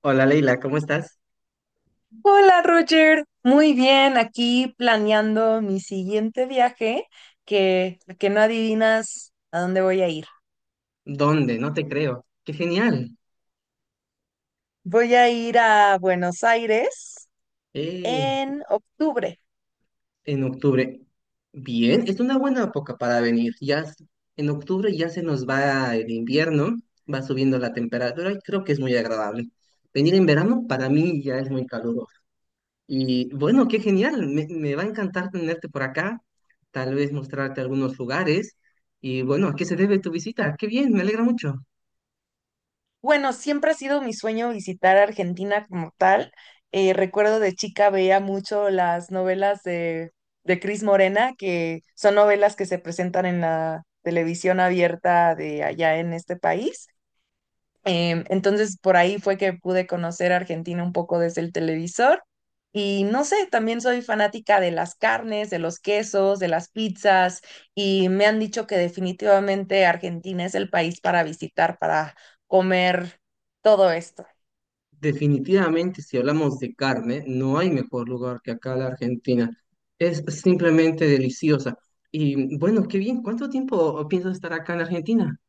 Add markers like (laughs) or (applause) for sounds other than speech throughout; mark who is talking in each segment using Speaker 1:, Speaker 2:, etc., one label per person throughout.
Speaker 1: Hola Leila, ¿cómo estás?
Speaker 2: Hola Roger, muy bien, aquí planeando mi siguiente viaje, que no adivinas a dónde voy a ir.
Speaker 1: ¿Dónde? No te creo. ¡Qué genial!
Speaker 2: Voy a ir a Buenos Aires
Speaker 1: Eh,
Speaker 2: en octubre.
Speaker 1: en octubre. Bien, es una buena época para venir. En octubre ya se nos va el invierno, va subiendo la temperatura y creo que es muy agradable. Venir en verano para mí ya es muy caluroso. Y bueno, qué genial. Me va a encantar tenerte por acá, tal vez mostrarte algunos lugares. Y bueno, ¿a qué se debe tu visita? ¡Qué bien! Me alegra mucho.
Speaker 2: Bueno, siempre ha sido mi sueño visitar Argentina como tal. Recuerdo de chica veía mucho las novelas de Cris Morena, que son novelas que se presentan en la televisión abierta de allá en este país. Entonces, por ahí fue que pude conocer Argentina un poco desde el televisor. Y no sé, también soy fanática de las carnes, de los quesos, de las pizzas, y me han dicho que definitivamente Argentina es el país para visitar, para comer todo esto.
Speaker 1: Definitivamente, si hablamos de carne, no hay mejor lugar que acá la Argentina. Es simplemente deliciosa. Y bueno, qué bien. ¿Cuánto tiempo piensas estar acá en Argentina?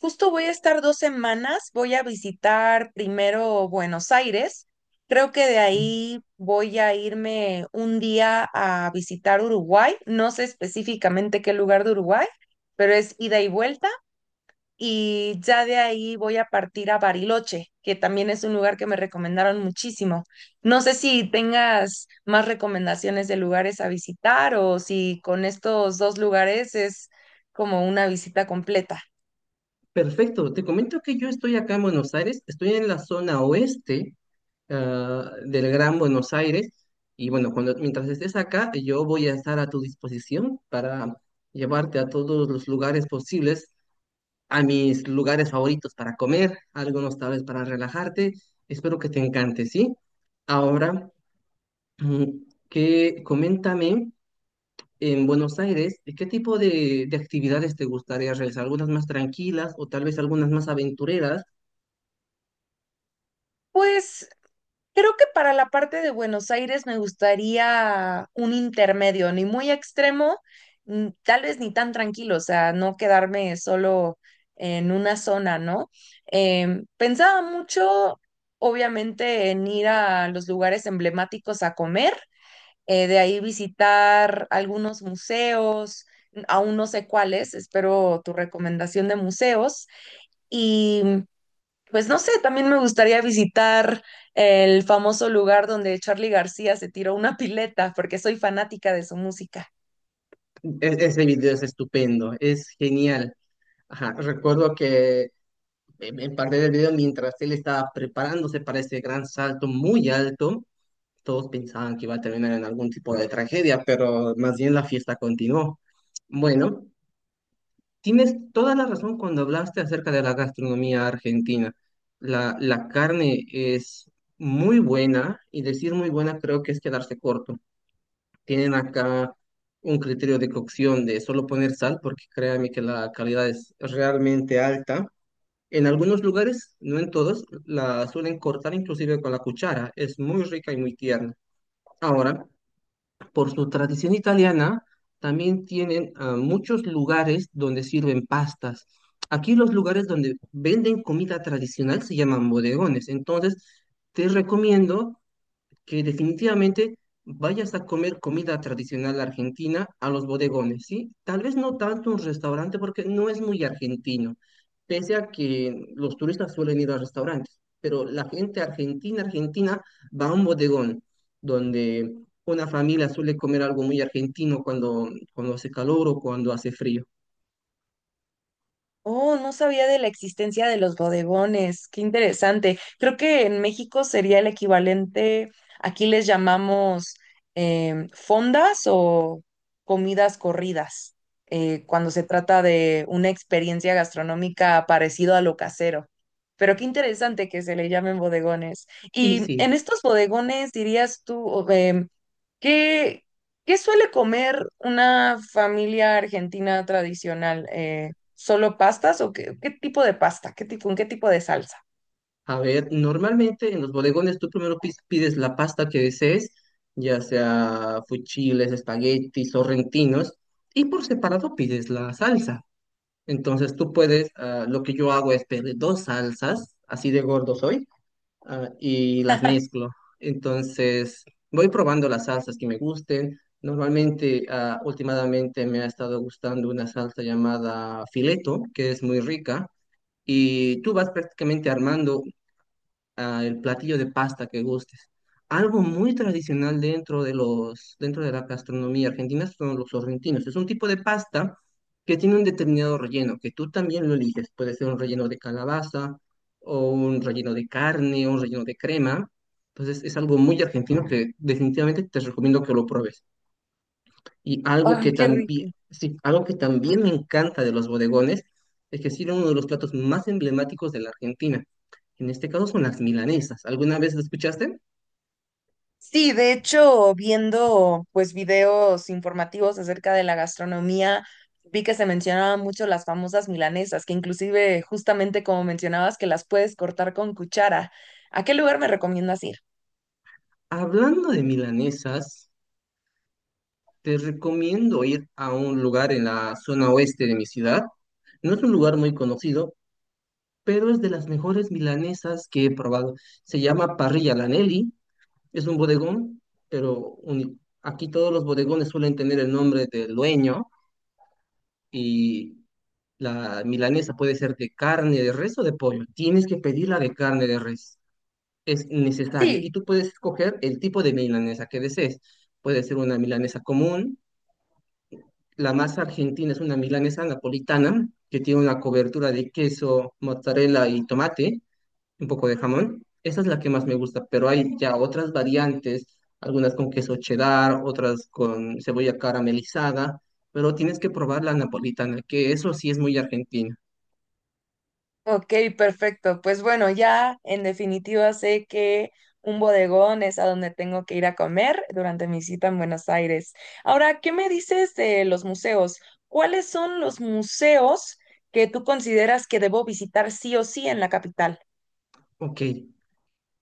Speaker 2: Justo voy a estar dos semanas, voy a visitar primero Buenos Aires, creo que de ahí voy a irme un día a visitar Uruguay, no sé específicamente qué lugar de Uruguay, pero es ida y vuelta y ya de ahí voy a partir a Bariloche, que también es un lugar que me recomendaron muchísimo. No sé si tengas más recomendaciones de lugares a visitar o si con estos dos lugares es como una visita completa.
Speaker 1: Perfecto. Te comento que yo estoy acá en Buenos Aires. Estoy en la zona oeste, del Gran Buenos Aires. Y bueno, mientras estés acá, yo voy a estar a tu disposición para llevarte a todos los lugares posibles, a mis lugares favoritos para comer, algunos tal vez para relajarte. Espero que te encante, ¿sí? Ahora, mm, que coméntame, en Buenos Aires, ¿de ¿qué tipo de actividades te gustaría realizar? ¿Algunas más tranquilas o tal vez algunas más aventureras?
Speaker 2: Pues creo que para la parte de Buenos Aires me gustaría un intermedio, ni muy extremo, tal vez ni tan tranquilo, o sea, no quedarme solo en una zona, ¿no? Pensaba mucho, obviamente, en ir a los lugares emblemáticos a comer, de ahí visitar algunos museos, aún no sé cuáles, espero tu recomendación de museos. Y pues no sé, también me gustaría visitar el famoso lugar donde Charly García se tiró una pileta, porque soy fanática de su música.
Speaker 1: Ese video es estupendo, es genial. Ajá, recuerdo que me parte del video mientras él estaba preparándose para ese gran salto muy alto. Todos pensaban que iba a terminar en algún tipo de tragedia, pero más bien la fiesta continuó. Bueno, tienes toda la razón cuando hablaste acerca de la gastronomía argentina. La carne es muy buena, y decir muy buena creo que es quedarse corto. Tienen acá un criterio de cocción de solo poner sal porque créanme que la calidad es realmente alta. En algunos lugares, no en todos, la suelen cortar inclusive con la cuchara. Es muy rica y muy tierna. Ahora, por su tradición italiana, también tienen muchos lugares donde sirven pastas. Aquí los lugares donde venden comida tradicional se llaman bodegones. Entonces, te recomiendo que definitivamente vayas a comer comida tradicional argentina a los bodegones, ¿sí? Tal vez no tanto un restaurante porque no es muy argentino, pese a que los turistas suelen ir a restaurantes, pero la gente argentina va a un bodegón donde una familia suele comer algo muy argentino cuando hace calor o cuando hace frío.
Speaker 2: Oh, no sabía de la existencia de los bodegones. Qué interesante. Creo que en México sería el equivalente, aquí les llamamos fondas o comidas corridas, cuando se trata de una experiencia gastronómica parecido a lo casero. Pero qué interesante que se le llamen bodegones.
Speaker 1: Y
Speaker 2: Y en
Speaker 1: sí.
Speaker 2: estos bodegones, dirías tú, ¿qué, qué suele comer una familia argentina tradicional? ¿Solo pastas o qué tipo de pasta? ¿Qué tipo, con qué tipo de salsa?
Speaker 1: A ver, normalmente en los bodegones tú primero pides la pasta que desees, ya sea fuchiles, espaguetis, sorrentinos, y por separado pides la salsa. Entonces tú puedes, lo que yo hago es pedir dos salsas, así de gordo soy, y las mezclo. Entonces voy probando las salsas que me gusten. Normalmente, últimamente me ha estado gustando una salsa llamada fileto, que es muy rica, y tú vas prácticamente armando el platillo de pasta que gustes. Algo muy tradicional dentro de dentro de la gastronomía argentina son los sorrentinos. Es un tipo de pasta que tiene un determinado relleno, que tú también lo eliges. Puede ser un relleno de calabaza, o un relleno de carne, o un relleno de crema. Entonces es algo muy argentino que definitivamente te recomiendo que lo pruebes. Y algo
Speaker 2: Ay,
Speaker 1: que
Speaker 2: qué
Speaker 1: también,
Speaker 2: rico.
Speaker 1: sí, algo que también me encanta de los bodegones es que sirven uno de los platos más emblemáticos de la Argentina. En este caso son las milanesas. ¿Alguna vez lo escuchaste?
Speaker 2: Sí, de hecho, viendo pues videos informativos acerca de la gastronomía, vi que se mencionaban mucho las famosas milanesas, que inclusive justamente como mencionabas que las puedes cortar con cuchara. ¿A qué lugar me recomiendas ir?
Speaker 1: Hablando de milanesas, te recomiendo ir a un lugar en la zona oeste de mi ciudad. No es un lugar muy conocido, pero es de las mejores milanesas que he probado. Se llama Parrilla Lanelli. Es un bodegón, pero aquí todos los bodegones suelen tener el nombre del dueño, y la milanesa puede ser de carne de res o de pollo. Tienes que pedirla de carne de res. Es necesario.
Speaker 2: Sí.
Speaker 1: Y tú puedes escoger el tipo de milanesa que desees. Puede ser una milanesa común. La más argentina es una milanesa napolitana que tiene una cobertura de queso, mozzarella y tomate, un poco de jamón. Esa es la que más me gusta, pero hay ya otras variantes, algunas con queso cheddar, otras con cebolla caramelizada, pero tienes que probar la napolitana, que eso sí es muy argentina.
Speaker 2: Ok, perfecto. Pues bueno, ya en definitiva sé que un bodegón es a donde tengo que ir a comer durante mi cita en Buenos Aires. Ahora, ¿qué me dices de los museos? ¿Cuáles son los museos que tú consideras que debo visitar sí o sí en la capital?
Speaker 1: Ok,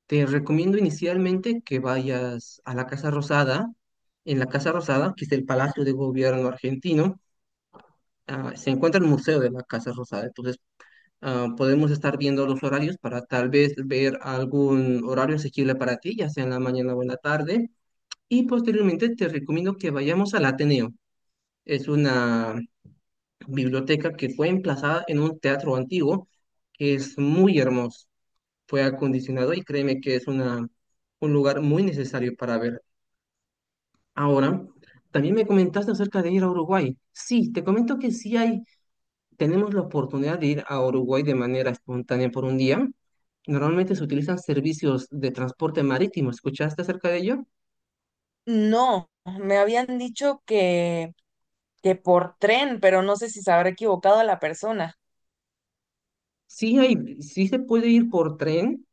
Speaker 1: te recomiendo inicialmente que vayas a la Casa Rosada. En la Casa Rosada, que es el Palacio de Gobierno argentino, se encuentra el Museo de la Casa Rosada. Entonces, podemos estar viendo los horarios para tal vez ver algún horario asequible para ti, ya sea en la mañana o en la tarde. Y posteriormente te recomiendo que vayamos al Ateneo. Es una biblioteca que fue emplazada en un teatro antiguo que es muy hermoso, fue acondicionado y créeme que un lugar muy necesario para ver. Ahora, también me comentaste acerca de ir a Uruguay. Sí, te comento que tenemos la oportunidad de ir a Uruguay de manera espontánea por un día. Normalmente se utilizan servicios de transporte marítimo. ¿Escuchaste acerca de ello?
Speaker 2: No, me habían dicho que por tren, pero no sé si se habrá equivocado la persona.
Speaker 1: Sí hay, sí se puede ir por tren.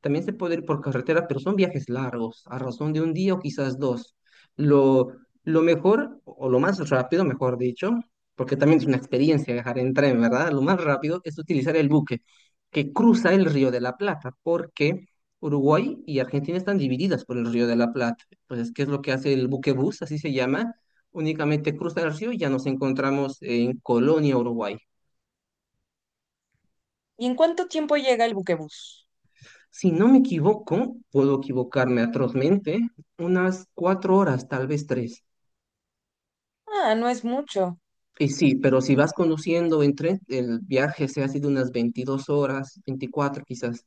Speaker 1: También se puede ir por carretera, pero son viajes largos, a razón de un día o quizás dos. Lo, lo mejor, o lo más rápido, mejor dicho, porque también es una experiencia viajar en tren, ¿verdad? Lo más rápido es utilizar el buque que cruza el Río de la Plata, porque Uruguay y Argentina están divididas por el Río de la Plata. Entonces, ¿qué es lo que hace el buque bus? Así se llama. Únicamente cruza el río y ya nos encontramos en Colonia, Uruguay.
Speaker 2: ¿Y en cuánto tiempo llega el buquebús?
Speaker 1: Si no me equivoco, puedo equivocarme atrozmente, unas 4 horas, tal vez 3.
Speaker 2: Ah, no es mucho.
Speaker 1: Y sí, pero si vas conduciendo en tren, el viaje se ha sido unas 22 horas, 24 quizás.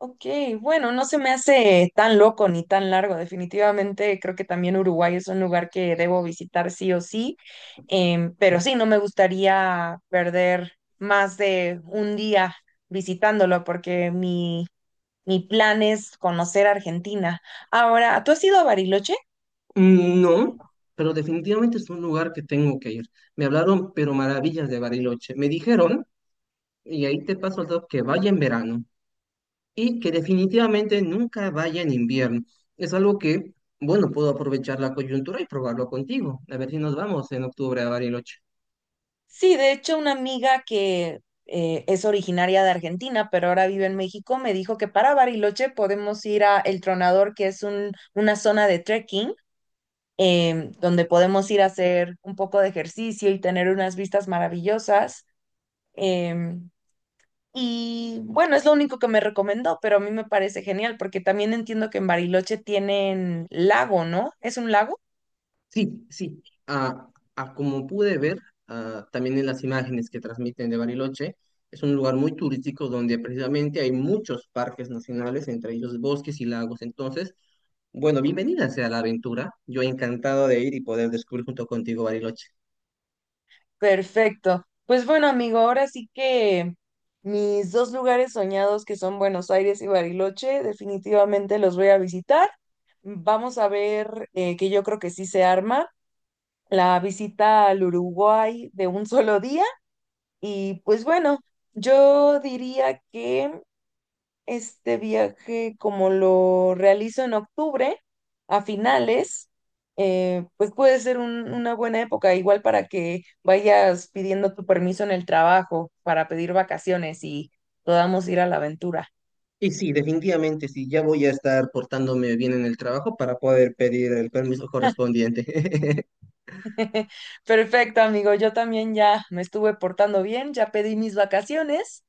Speaker 2: Ok, bueno, no se me hace tan loco ni tan largo. Definitivamente creo que también Uruguay es un lugar que debo visitar sí o sí. Pero sí, no me gustaría perder más de un día visitándolo porque mi plan es conocer Argentina. Ahora, ¿tú has ido a Bariloche?
Speaker 1: No, pero definitivamente es un lugar que tengo que ir. Me hablaron, pero maravillas de Bariloche. Me dijeron, y ahí te paso el dato, que vaya en verano y que definitivamente nunca vaya en invierno. Es algo que, bueno, puedo aprovechar la coyuntura y probarlo contigo. A ver si nos vamos en octubre a Bariloche.
Speaker 2: Sí, de hecho, una amiga que es originaria de Argentina, pero ahora vive en México, me dijo que para Bariloche podemos ir a El Tronador, que es una zona de trekking, donde podemos ir a hacer un poco de ejercicio y tener unas vistas maravillosas. em, y bueno, es lo único que me recomendó, pero a mí me parece genial porque también entiendo que en Bariloche tienen lago, ¿no? ¿Es un lago?
Speaker 1: Sí, sí. Como pude ver, también en las imágenes que transmiten de Bariloche, es un lugar muy turístico donde precisamente hay muchos parques nacionales, entre ellos bosques y lagos. Entonces, bueno, bienvenida sea la aventura. Yo encantado de ir y poder descubrir junto contigo Bariloche.
Speaker 2: Perfecto. Pues bueno, amigo, ahora sí que mis dos lugares soñados, que son Buenos Aires y Bariloche, definitivamente los voy a visitar. Vamos a ver, que yo creo que sí se arma la visita al Uruguay de un solo día. Y pues bueno, yo diría que este viaje, como lo realizo en octubre, a finales, pues puede ser una buena época, igual para que vayas pidiendo tu permiso en el trabajo para pedir vacaciones y podamos ir a la aventura.
Speaker 1: Y sí, definitivamente sí, ya voy a estar portándome bien en el trabajo para poder pedir el permiso correspondiente. (laughs)
Speaker 2: (laughs) Perfecto, amigo, yo también ya me estuve portando bien, ya pedí mis vacaciones.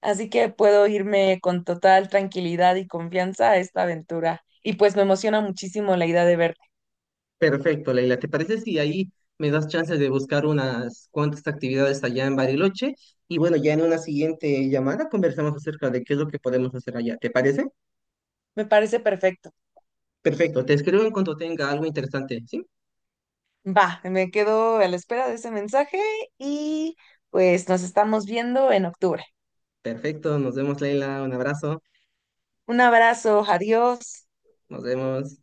Speaker 2: Así que puedo irme con total tranquilidad y confianza a esta aventura. Y pues me emociona muchísimo la idea de verte.
Speaker 1: Perfecto, Leila. ¿Te parece si ahí me das chance de buscar unas cuantas actividades allá en Bariloche? Y bueno, ya en una siguiente llamada conversamos acerca de qué es lo que podemos hacer allá. ¿Te parece?
Speaker 2: Me parece perfecto.
Speaker 1: Perfecto. Te escribo en cuanto tenga algo interesante. ¿Sí?
Speaker 2: Va, me quedo a la espera de ese mensaje y pues nos estamos viendo en octubre.
Speaker 1: Perfecto. Nos vemos, Leila. Un abrazo.
Speaker 2: Un abrazo, adiós.
Speaker 1: Nos vemos.